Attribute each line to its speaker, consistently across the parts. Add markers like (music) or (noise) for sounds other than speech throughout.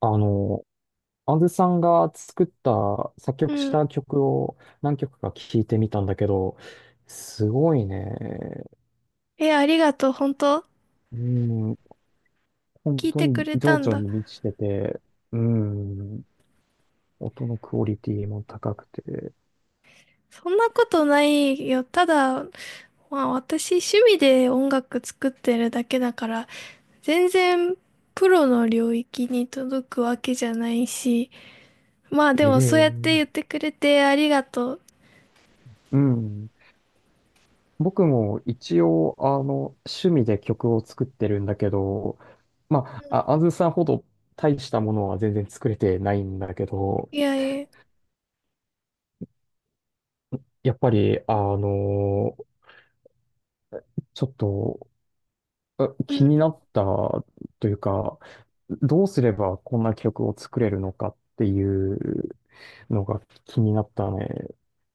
Speaker 1: あの、あずさんが作った、作
Speaker 2: う
Speaker 1: 曲し
Speaker 2: ん。
Speaker 1: た曲を何曲か聴いてみたんだけど、すごいね。
Speaker 2: え、ありがとう。本当
Speaker 1: うん、本
Speaker 2: 聞い
Speaker 1: 当
Speaker 2: てく
Speaker 1: に
Speaker 2: れ
Speaker 1: 情
Speaker 2: たん
Speaker 1: 緒
Speaker 2: だ。
Speaker 1: に満ちてて、うん、音のクオリティも高くて、
Speaker 2: そんなことないよ。ただ、私趣味で音楽作ってるだけだから、全然プロの領域に届くわけじゃないし、まあでもそうやって
Speaker 1: ええ
Speaker 2: 言ってくれてありがとう。
Speaker 1: うん。僕も一応、趣味で曲を作ってるんだけど、まあ、あずさんほど大したものは全然作れてないんだけど、
Speaker 2: いやいや、
Speaker 1: やっぱり、ちょっと
Speaker 2: う
Speaker 1: 気に
Speaker 2: ん。
Speaker 1: なったというか、どうすればこんな曲を作れるのかっていうのが気になったね。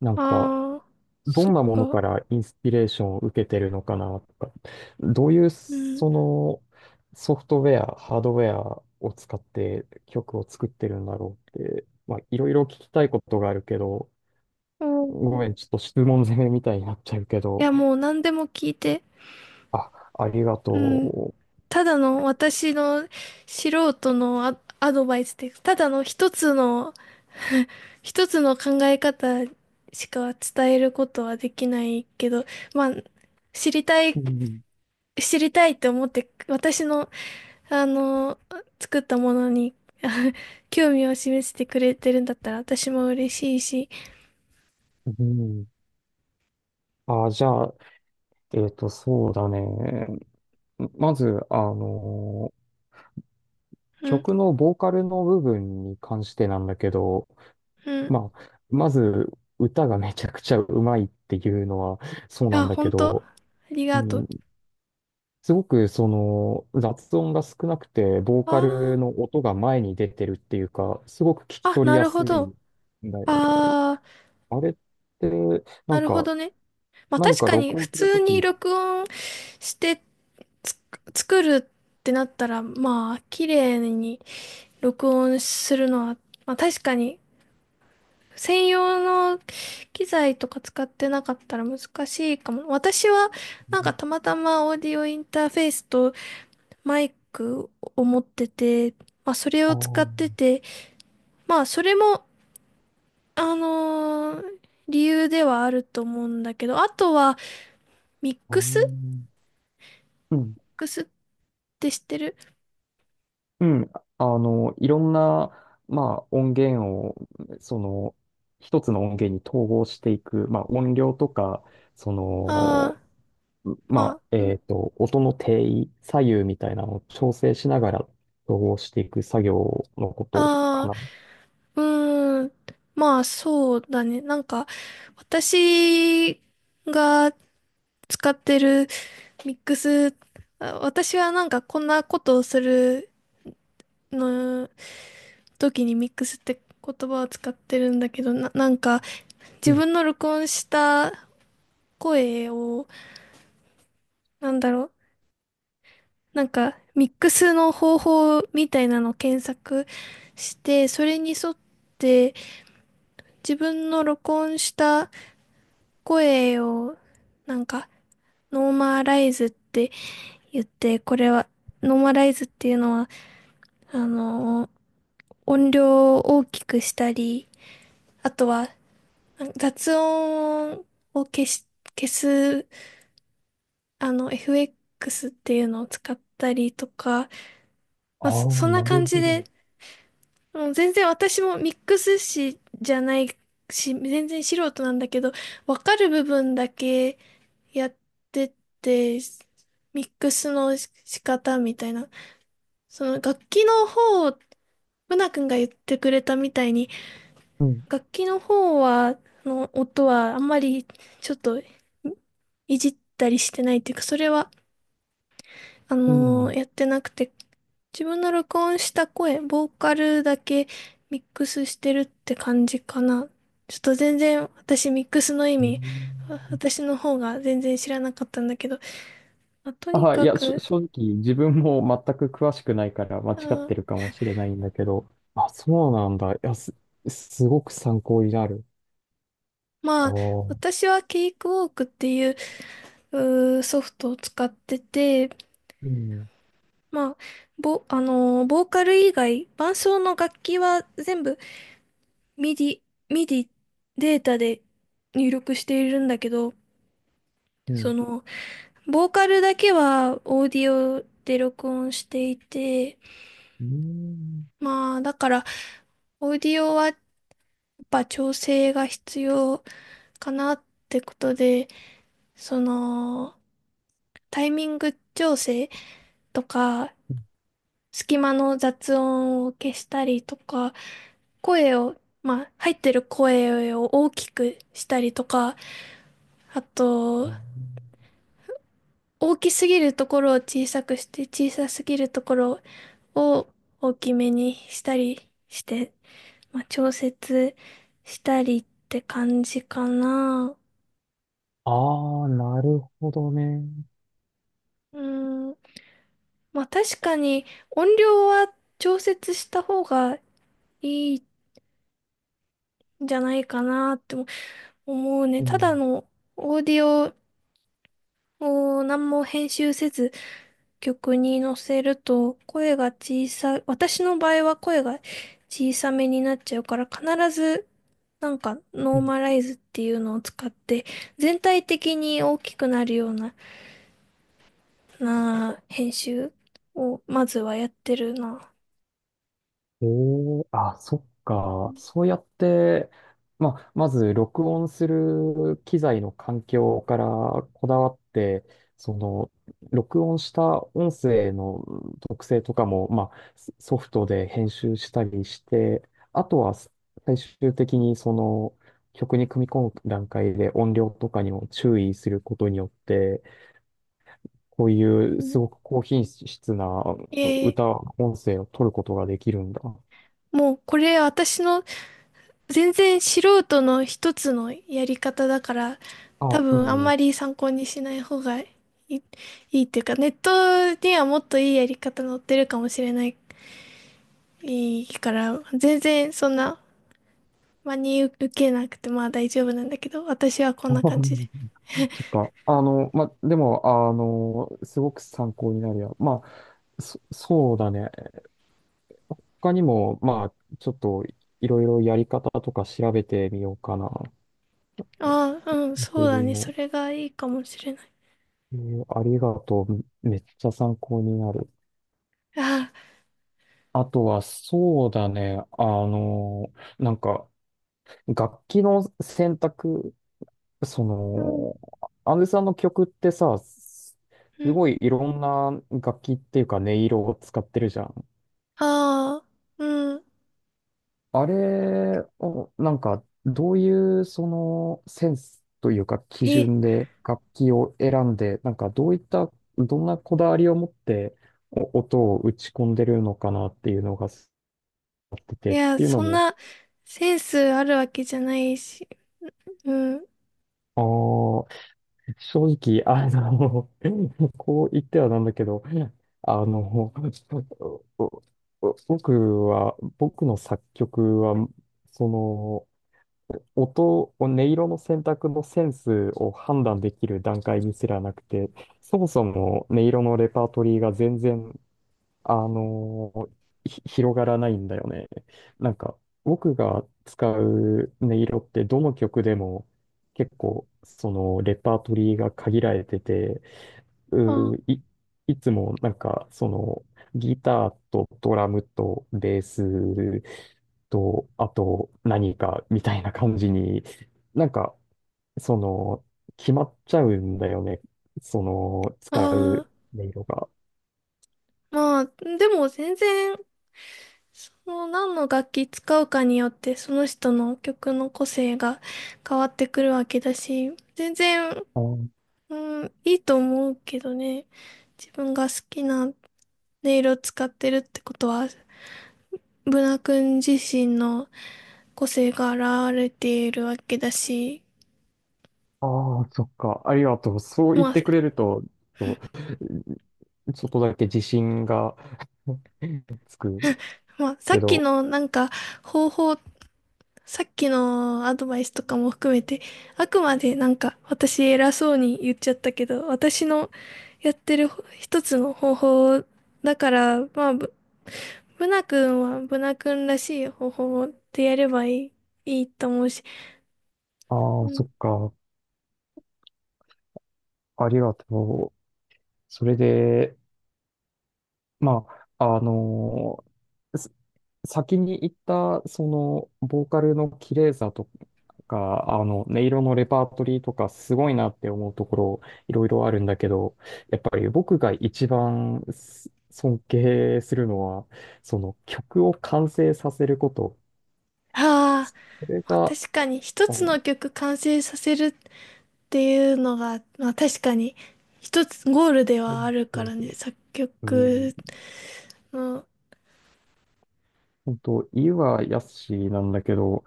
Speaker 1: なんか、
Speaker 2: ああ、
Speaker 1: ど
Speaker 2: そ
Speaker 1: ん
Speaker 2: っ
Speaker 1: なもの
Speaker 2: か。
Speaker 1: からインスピレーションを受けてるのかなとか、どういう
Speaker 2: うん。
Speaker 1: そのソフトウェア、ハードウェアを使って曲を作ってるんだろうって、まあ、いろいろ聞きたいことがあるけど、ご
Speaker 2: お、
Speaker 1: めん、ちょっと質問攻めみたいになっちゃうけ
Speaker 2: い
Speaker 1: ど、
Speaker 2: やもう何でも聞いて。
Speaker 1: あ、ありが
Speaker 2: うん。
Speaker 1: と
Speaker 2: ただの私の素人のアドバイスで、ただの一つの (laughs) 一つの考え方しか伝えることはできないけど、まあ、知りた
Speaker 1: う。
Speaker 2: い、
Speaker 1: うん、
Speaker 2: 知りたいって思って、私の、あの、作ったものに、(laughs) あ、興味を示してくれてるんだったら私も嬉しいし、
Speaker 1: うんじゃあ、そうだね。まず、
Speaker 2: うん、
Speaker 1: 曲のボーカルの部分に関してなんだけど、
Speaker 2: うん。
Speaker 1: まあ、まず、歌がめちゃくちゃうまいっていうのはそうな
Speaker 2: あ、
Speaker 1: んだけ
Speaker 2: 本当
Speaker 1: ど、
Speaker 2: あり
Speaker 1: う
Speaker 2: がと
Speaker 1: ん、
Speaker 2: う。
Speaker 1: すごくその雑音が少なくて、ボーカル
Speaker 2: あ
Speaker 1: の音が前に出てるっていうか、すごく聞き取り
Speaker 2: な
Speaker 1: や
Speaker 2: る
Speaker 1: す
Speaker 2: ほ
Speaker 1: い
Speaker 2: ど。
Speaker 1: んだよね。
Speaker 2: ああ、
Speaker 1: あれって、な
Speaker 2: な
Speaker 1: ん
Speaker 2: るほ
Speaker 1: か、
Speaker 2: どね。まあ
Speaker 1: 何
Speaker 2: 確
Speaker 1: か
Speaker 2: かに
Speaker 1: 録
Speaker 2: 普
Speaker 1: 音する
Speaker 2: 通
Speaker 1: とき
Speaker 2: に
Speaker 1: に、
Speaker 2: 録音してつ作るってなったら、まあ綺麗に録音するのは、まあ確かに専用の機材とか使ってなかったら難しいかも。私はなんかたまたまオーディオインターフェースとマイクを持ってて、まあそれ
Speaker 1: あ
Speaker 2: を
Speaker 1: あ、
Speaker 2: 使ってて、まあそれも、あのー理由ではあると思うんだけど、あとはミックスミッ
Speaker 1: うん
Speaker 2: クスって知ってる？
Speaker 1: うん、いろんな、まあ、音源を、その、一つの音源に統合していく、まあ、音量とか、その、
Speaker 2: ああ、
Speaker 1: ま
Speaker 2: ま
Speaker 1: あ、
Speaker 2: あ、うん。
Speaker 1: 音の定位、左右みたいなのを調整しながら統合していく作業のことか
Speaker 2: ああ、
Speaker 1: な。
Speaker 2: うーん、まあそうだね。なんか、私が使ってるミックス、あ私はなんかこんなことをするの時にミックスって言葉を使ってるんだけど、なんか
Speaker 1: う
Speaker 2: 自
Speaker 1: ん。
Speaker 2: 分の録音した声を、なんだろう、なんかミックスの方法みたいなのを検索して、それに沿って、自分の録音した声を、なんか、ノーマライズって言って、これは、ノーマライズっていうのは、あの、音量を大きくしたり、あとは、雑音を消し、消す、あの、FX っていうのを使ったりとか、
Speaker 1: あ
Speaker 2: まあ、
Speaker 1: あ、
Speaker 2: そん
Speaker 1: な
Speaker 2: な
Speaker 1: る
Speaker 2: 感じ
Speaker 1: ほど。
Speaker 2: で、もう全然私もミックス師じゃないし、全然素人なんだけど、わかる部分だけ、やってて、ミックスの仕方みたいな。その楽器の方、ブナ君が言ってくれたみたいに、
Speaker 1: うん。
Speaker 2: 楽器の方は、の音はあんまりちょっとじったりしてないっていうか、それは、あ
Speaker 1: うん。
Speaker 2: のーやってなくて、自分の録音した声、ボーカルだけミックスしてるって感じかな。ちょっと全然私ミックスの意
Speaker 1: へ
Speaker 2: 味、
Speaker 1: ー
Speaker 2: 私の方が全然知らなかったんだけど、まあと
Speaker 1: あ、
Speaker 2: に
Speaker 1: はい、い
Speaker 2: か
Speaker 1: や、
Speaker 2: く。
Speaker 1: 正直自分も全く詳しくないから間違
Speaker 2: あ
Speaker 1: っ
Speaker 2: ー、
Speaker 1: てるかもしれないんだけど、あ、そうなんだ。いや、すごく参考になる。あ
Speaker 2: まあ、
Speaker 1: あ、う
Speaker 2: 私はケイクウォークっていう、うーソフトを使ってて、
Speaker 1: ん、
Speaker 2: まあ、ボーカル以外、伴奏の楽器は全部ミディミディデータで入力しているんだけど、
Speaker 1: うん、
Speaker 2: その、ボーカルだけはオーディオで録音していて、
Speaker 1: うん。
Speaker 2: まあ、だから、オーディオはやっぱ調整が必要かなってことで、その、タイミング調整とか、隙間の雑音を消したりとか、声を、まあ、入ってる声を大きくしたりとか、あと、大きすぎるところを小さくして、小さすぎるところを大きめにしたりして、まあ、調節したりって感じかな。
Speaker 1: ああー、なるほどね。
Speaker 2: うーん。まあ、確かに音量は調節した方がいいんじゃないかなって思う。もうね、
Speaker 1: う
Speaker 2: ただ
Speaker 1: ん、
Speaker 2: のオーディオを何も編集せず曲に乗せると声が小さい、私の場合は声が小さめになっちゃうから必ずなんか
Speaker 1: う
Speaker 2: ノー
Speaker 1: ん
Speaker 2: マライズっていうのを使って全体的に大きくなるような、な編集をまずはやってるな。
Speaker 1: ええ、あ、そっか。そうやって、まあ、まず録音する機材の環境からこだわって、その、録音した音声のうん特性とかも、まあ、ソフトで編集したりして、あとは最終的にその曲に組み込む段階で音量とかにも注意することによって、こういう
Speaker 2: う
Speaker 1: す
Speaker 2: ん、
Speaker 1: ごく高品質な
Speaker 2: えー、
Speaker 1: 歌、音声を取ることができるんだ。
Speaker 2: もうこれ私の全然素人の一つのやり方だから、
Speaker 1: あ、
Speaker 2: 多
Speaker 1: う
Speaker 2: 分あん
Speaker 1: ん。
Speaker 2: まり参考にしない方がい、いいっていうか、ネットにはもっといいやり方載ってるかもしれない、いいから、全然そんな真に受けなくてまあ大丈夫なんだけど、私は
Speaker 1: (laughs)
Speaker 2: こ
Speaker 1: あ
Speaker 2: ん
Speaker 1: は
Speaker 2: な
Speaker 1: は
Speaker 2: 感じで。
Speaker 1: そっか。ま、でも、すごく参考になるや。まあ、そうだね。他にも、まあ、ちょっと、いろいろやり方とか調べてみようかな。
Speaker 2: ああ、うん、
Speaker 1: 僕
Speaker 2: そうだね。そ
Speaker 1: も、
Speaker 2: れがいいかもしれない。
Speaker 1: えーありがとう。めっちゃ参考になる。
Speaker 2: あ
Speaker 1: あとは、そうだね。なんか、楽器の選択、そ
Speaker 2: あ、うん、
Speaker 1: の、アンデさんの曲ってさ、す
Speaker 2: うん、
Speaker 1: ごいいろんな楽器っていうか音色を使ってるじゃん。
Speaker 2: ああ、うん。
Speaker 1: あれを、どういう、センスというか、基
Speaker 2: え、
Speaker 1: 準で楽器を選んで、どういった、どんなこだわりを持って、音を打ち込んでるのかなっていうのが、
Speaker 2: い
Speaker 1: っ
Speaker 2: や、
Speaker 1: ていうの
Speaker 2: そん
Speaker 1: も、
Speaker 2: なセンスあるわけじゃないし、うん、
Speaker 1: あー正直、(laughs) こう言ってはなんだけど、(laughs) あの、お僕は、僕の作曲は、その、音色の選択のセンスを判断できる段階にすらなくて、そもそも音色のレパートリーが全然、あの広がらないんだよね。なんか、僕が使う音色ってどの曲でも結構、そのレパートリーが限られてて、
Speaker 2: あ
Speaker 1: うーい、いつもなんか、ギターとドラムとベースと、あと何かみたいな感じに、なんか、その、決まっちゃうんだよね。その、
Speaker 2: あ、
Speaker 1: 使
Speaker 2: あ
Speaker 1: う
Speaker 2: あ。
Speaker 1: 音色が。
Speaker 2: まあ、でも全然、その何の楽器使うかによって、その人の曲の個性が変わってくるわけだし、全然、
Speaker 1: あー
Speaker 2: うん、いいと思うけどね。自分が好きな音色を使ってるってことは、ブナ君自身の個性が現れているわけだし、
Speaker 1: あー、そっか。ありがとう。そう言っ
Speaker 2: まあ、
Speaker 1: てくれると、と、ちょっとだけ自信が (laughs) つく
Speaker 2: まあ、さ
Speaker 1: け
Speaker 2: っき
Speaker 1: ど、
Speaker 2: のなんか方法さっきのアドバイスとかも含めて、あくまでなんか私偉そうに言っちゃったけど、私のやってる一つの方法だから、まあ、ブナ君はブナ君らしい方法でやればいいと思うし、
Speaker 1: ああ、
Speaker 2: う
Speaker 1: そ
Speaker 2: ん、
Speaker 1: っか。ありがとう。それで、まあ、す先に言った、ボーカルの綺麗さとか、音色のレパートリーとか、すごいなって思うところ、いろいろあるんだけど、やっぱり僕が一番尊敬するのは、曲を完成させること。
Speaker 2: ああ、
Speaker 1: それ
Speaker 2: まあ
Speaker 1: が、
Speaker 2: 確かに一
Speaker 1: あ
Speaker 2: つの
Speaker 1: の、
Speaker 2: 曲完成させるっていうのが、まあ確かに一つゴールで
Speaker 1: う
Speaker 2: はあ
Speaker 1: ん、
Speaker 2: るからね、作曲の、
Speaker 1: 本当、言いは易しなんだけど、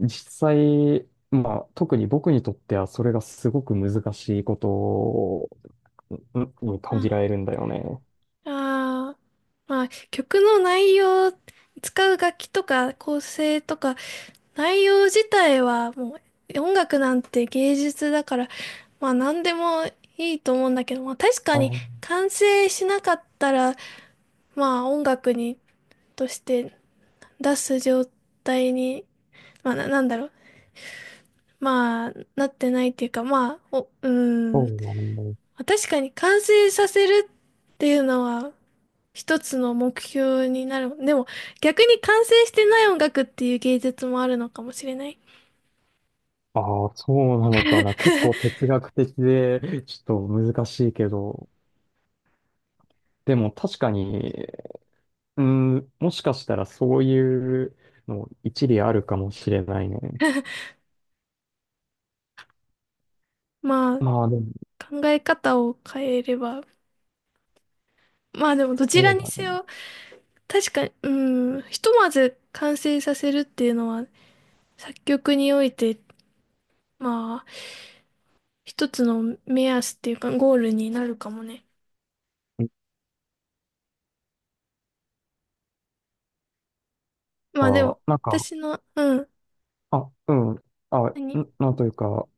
Speaker 1: 実際、まあ、特に僕にとってはそれがすごく難しいことを感じら
Speaker 2: あ
Speaker 1: れるんだよね。
Speaker 2: あー、まあ、曲の内容、使う楽器とか構成とか、内容自体はもう音楽なんて芸術だから、まあ何でもいいと思うんだけど、まあ確か
Speaker 1: あ
Speaker 2: に
Speaker 1: あ、
Speaker 2: 完成しなかったら、まあ音楽として出す状態に、なんだろう、まあなってないっていうか、まあ、お、うー
Speaker 1: そ
Speaker 2: ん、
Speaker 1: う
Speaker 2: ま
Speaker 1: なの。
Speaker 2: あ確かに完成させるっていうのは一つの目標になる。でも、逆に完成してない音楽っていう芸術もあるのかもしれない。
Speaker 1: ああ、そうなのかな。結構
Speaker 2: (laughs)
Speaker 1: 哲学的で、ちょっと難しいけど。でも確かに、うん、もしかしたらそういうの一理あるかもしれないね。
Speaker 2: まあ、
Speaker 1: まあでも、
Speaker 2: 考え方を変えれば。まあでも、どち
Speaker 1: そ
Speaker 2: ら
Speaker 1: う
Speaker 2: に
Speaker 1: だ
Speaker 2: せ
Speaker 1: ね。
Speaker 2: よ、確かに、うん、ひとまず完成させるっていうのは、作曲において、まあ、一つの目安っていうか、ゴールになるかもね。
Speaker 1: な
Speaker 2: ま
Speaker 1: ん
Speaker 2: あで
Speaker 1: か、
Speaker 2: も、
Speaker 1: なんか、
Speaker 2: 私の、うん、
Speaker 1: あ、うん。あ、
Speaker 2: 何
Speaker 1: なんというか、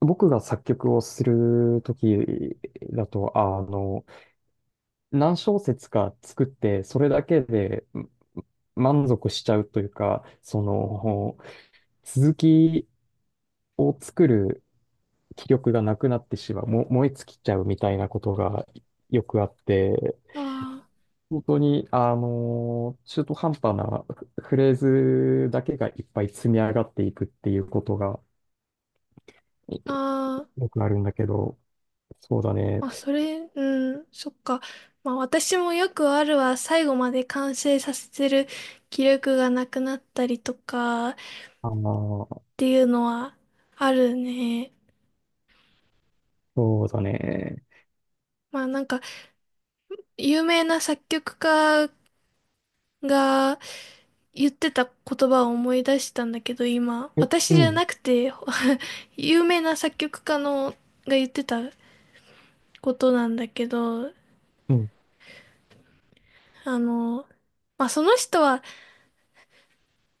Speaker 1: 僕が作曲をするときだと、何小節か作って、それだけで満足しちゃうというか、続きを作る気力がなくなってしまう、燃え尽きちゃうみたいなことがよくあって、
Speaker 2: あ
Speaker 1: 本当に、中途半端なフレーズだけがいっぱい積み上がっていくっていうことが
Speaker 2: あ、あー、
Speaker 1: よくあるんだけど、そうだね。
Speaker 2: まあ、それ、うん、そっか。まあ、私もよくあるは、最後まで完成させてる気力がなくなったりとかっ
Speaker 1: あー
Speaker 2: ていうのはあるね。
Speaker 1: そうだね。
Speaker 2: まあ、なんか、有名な作曲家が言ってた言葉を思い出したんだけど、今、
Speaker 1: え、
Speaker 2: 私
Speaker 1: う
Speaker 2: じゃ
Speaker 1: ん、
Speaker 2: なくて (laughs)、有名な作曲家のが言ってたことなんだけど、
Speaker 1: うん。
Speaker 2: あの、まあ、その人は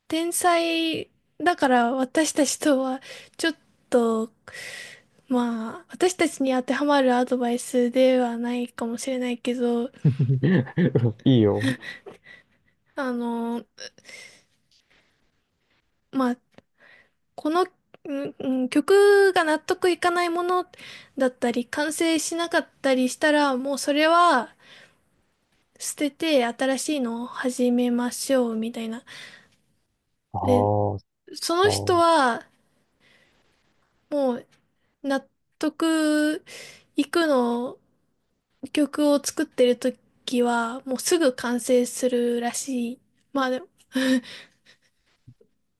Speaker 2: 天才だから私たちとはちょっと、まあ、私たちに当てはまるアドバイスではないかもしれないけど、
Speaker 1: (laughs) いいよ。
Speaker 2: あの、まあ、この、うん曲が納得いかないものだったり、完成しなかったりしたら、もうそれは捨てて新しいのを始めましょうみたいな。
Speaker 1: ああ、
Speaker 2: で、
Speaker 1: そ
Speaker 2: その人
Speaker 1: う。
Speaker 2: はもう納得いく曲を作ってる時はもうすぐ完成するらしい。まあでも、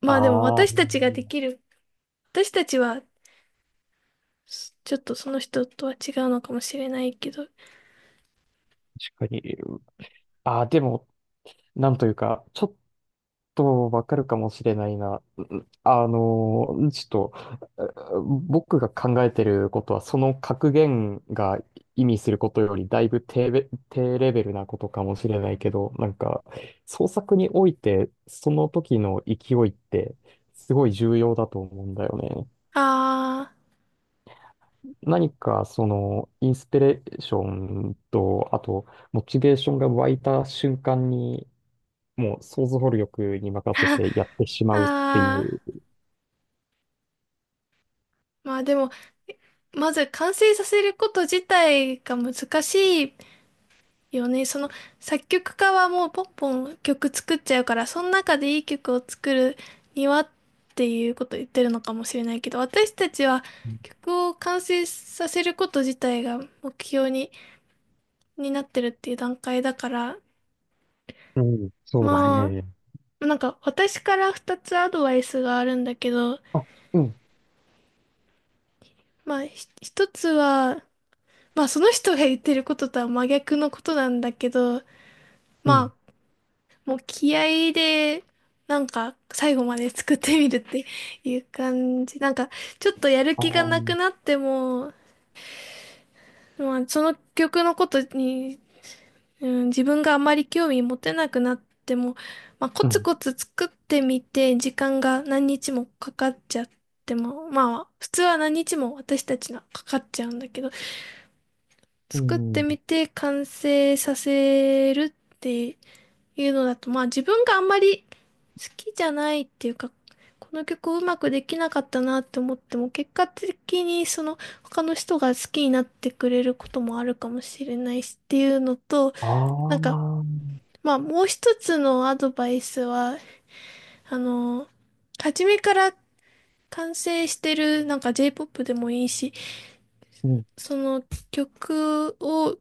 Speaker 2: まあでも
Speaker 1: ああ、
Speaker 2: 私たちがで
Speaker 1: 確
Speaker 2: きる。私たちはちょっとその人とは違うのかもしれないけど。
Speaker 1: かに。ああ、でも、なんというか、ちょっとわかるかもしれないな。うんあのー、ちょっと、うん僕が考えてることは、その格言が意味することより、だいぶ低レベルなことかもしれないけど、創作において、その時の勢いって、すごい重要だと思うんだよね。
Speaker 2: あ
Speaker 1: 何かそのインスピレーションと、あとモチベーションが湧いた瞬間に、もう想像力に任せてやってし
Speaker 2: あ、
Speaker 1: まうってい
Speaker 2: ああ。
Speaker 1: う。
Speaker 2: まあでも、まず完成させること自体が難しいよね。その作曲家はもうポンポン曲作っちゃうから、その中でいい曲を作るにはっていうことを言ってるのかもしれないけど、私たちは曲を完成させること自体が目標に、になってるっていう段階だから、
Speaker 1: うん、そうだ
Speaker 2: ま
Speaker 1: ね。
Speaker 2: あ、なんか私から2つアドバイスがあるんだけど、
Speaker 1: あ、うん、
Speaker 2: まあ一つは、まあその人が言ってることとは真逆のことなんだけど、
Speaker 1: う
Speaker 2: ま
Speaker 1: ん、
Speaker 2: あもう気合で、なんか最後まで作ってみるっていう感じ。なんかちょっとやる
Speaker 1: あ
Speaker 2: 気がな
Speaker 1: ー、
Speaker 2: くなっても、まあその曲のことに、うん、自分があまり興味持てなくなっても、まあコ
Speaker 1: う
Speaker 2: ツ
Speaker 1: ん、
Speaker 2: コツ作ってみて、時間が何日もかかっちゃっても、まあ普通は何日も私たちのはかかっちゃうんだけど、
Speaker 1: う
Speaker 2: 作って
Speaker 1: ん、
Speaker 2: みて完成させるっていうのだと、まあ自分があんまり好きじゃないっていうか、この曲をうまくできなかったなって思っても、結果的にその他の人が好きになってくれることもあるかもしれないしっていうのと、
Speaker 1: あ
Speaker 2: なんか、
Speaker 1: ー、
Speaker 2: まあもう一つのアドバイスは、あの、初めから完成してる、なんか J-POP でもいいし、
Speaker 1: うん、
Speaker 2: その曲を、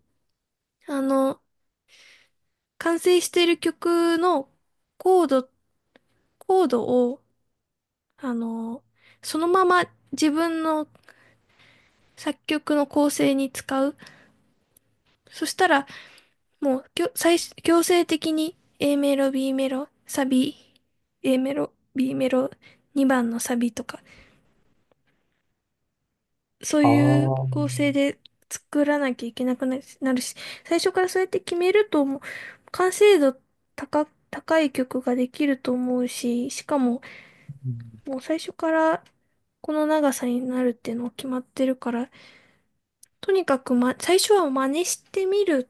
Speaker 2: あの、完成してる曲のコード、コードをあの、そのまま自分の作曲の構成に使う。そしたら、もう、最初、強制的に A メロ、B メロ、サビ、A メロ、B メロ、2番のサビとか、そう
Speaker 1: あ
Speaker 2: いう
Speaker 1: ー、
Speaker 2: 構成で作らなきゃいけなくなるし、最初からそうやって決めると、もう、完成度高、高い曲ができると思うし、しかも、
Speaker 1: うん
Speaker 2: もう最初からこの長さになるっていうのが決まってるから、とにかく、ま、最初は真似してみる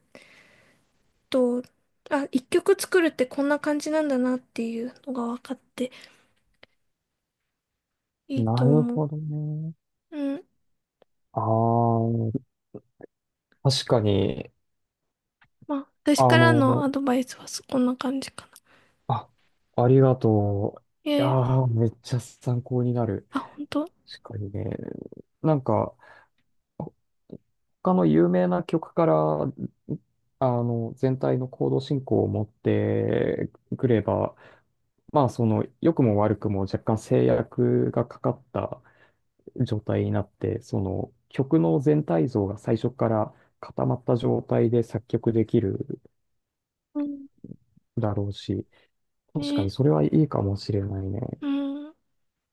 Speaker 2: と、あ、一曲作るってこんな感じなんだなっていうのが分かっていい
Speaker 1: な
Speaker 2: と
Speaker 1: る
Speaker 2: 思
Speaker 1: ほ
Speaker 2: う。
Speaker 1: どね。
Speaker 2: うん。
Speaker 1: あー、確かに、
Speaker 2: まあ、私
Speaker 1: あ
Speaker 2: からの
Speaker 1: の、
Speaker 2: アドバイスはそこんな感じかな。
Speaker 1: あ、ありがとう。
Speaker 2: え
Speaker 1: いや
Speaker 2: え、
Speaker 1: ー、めっちゃ参考になる。
Speaker 2: あ、本当。
Speaker 1: 確かにね。なんか、他の有名な曲から、全体の行動進行を持ってくれば、まあ、良くも悪くも若干制約がかかった状態になって、曲の全体像が最初から固まった状態で作曲できる
Speaker 2: うん。
Speaker 1: だろうし、確かに
Speaker 2: ね、
Speaker 1: それはいいかもしれないね。
Speaker 2: うん。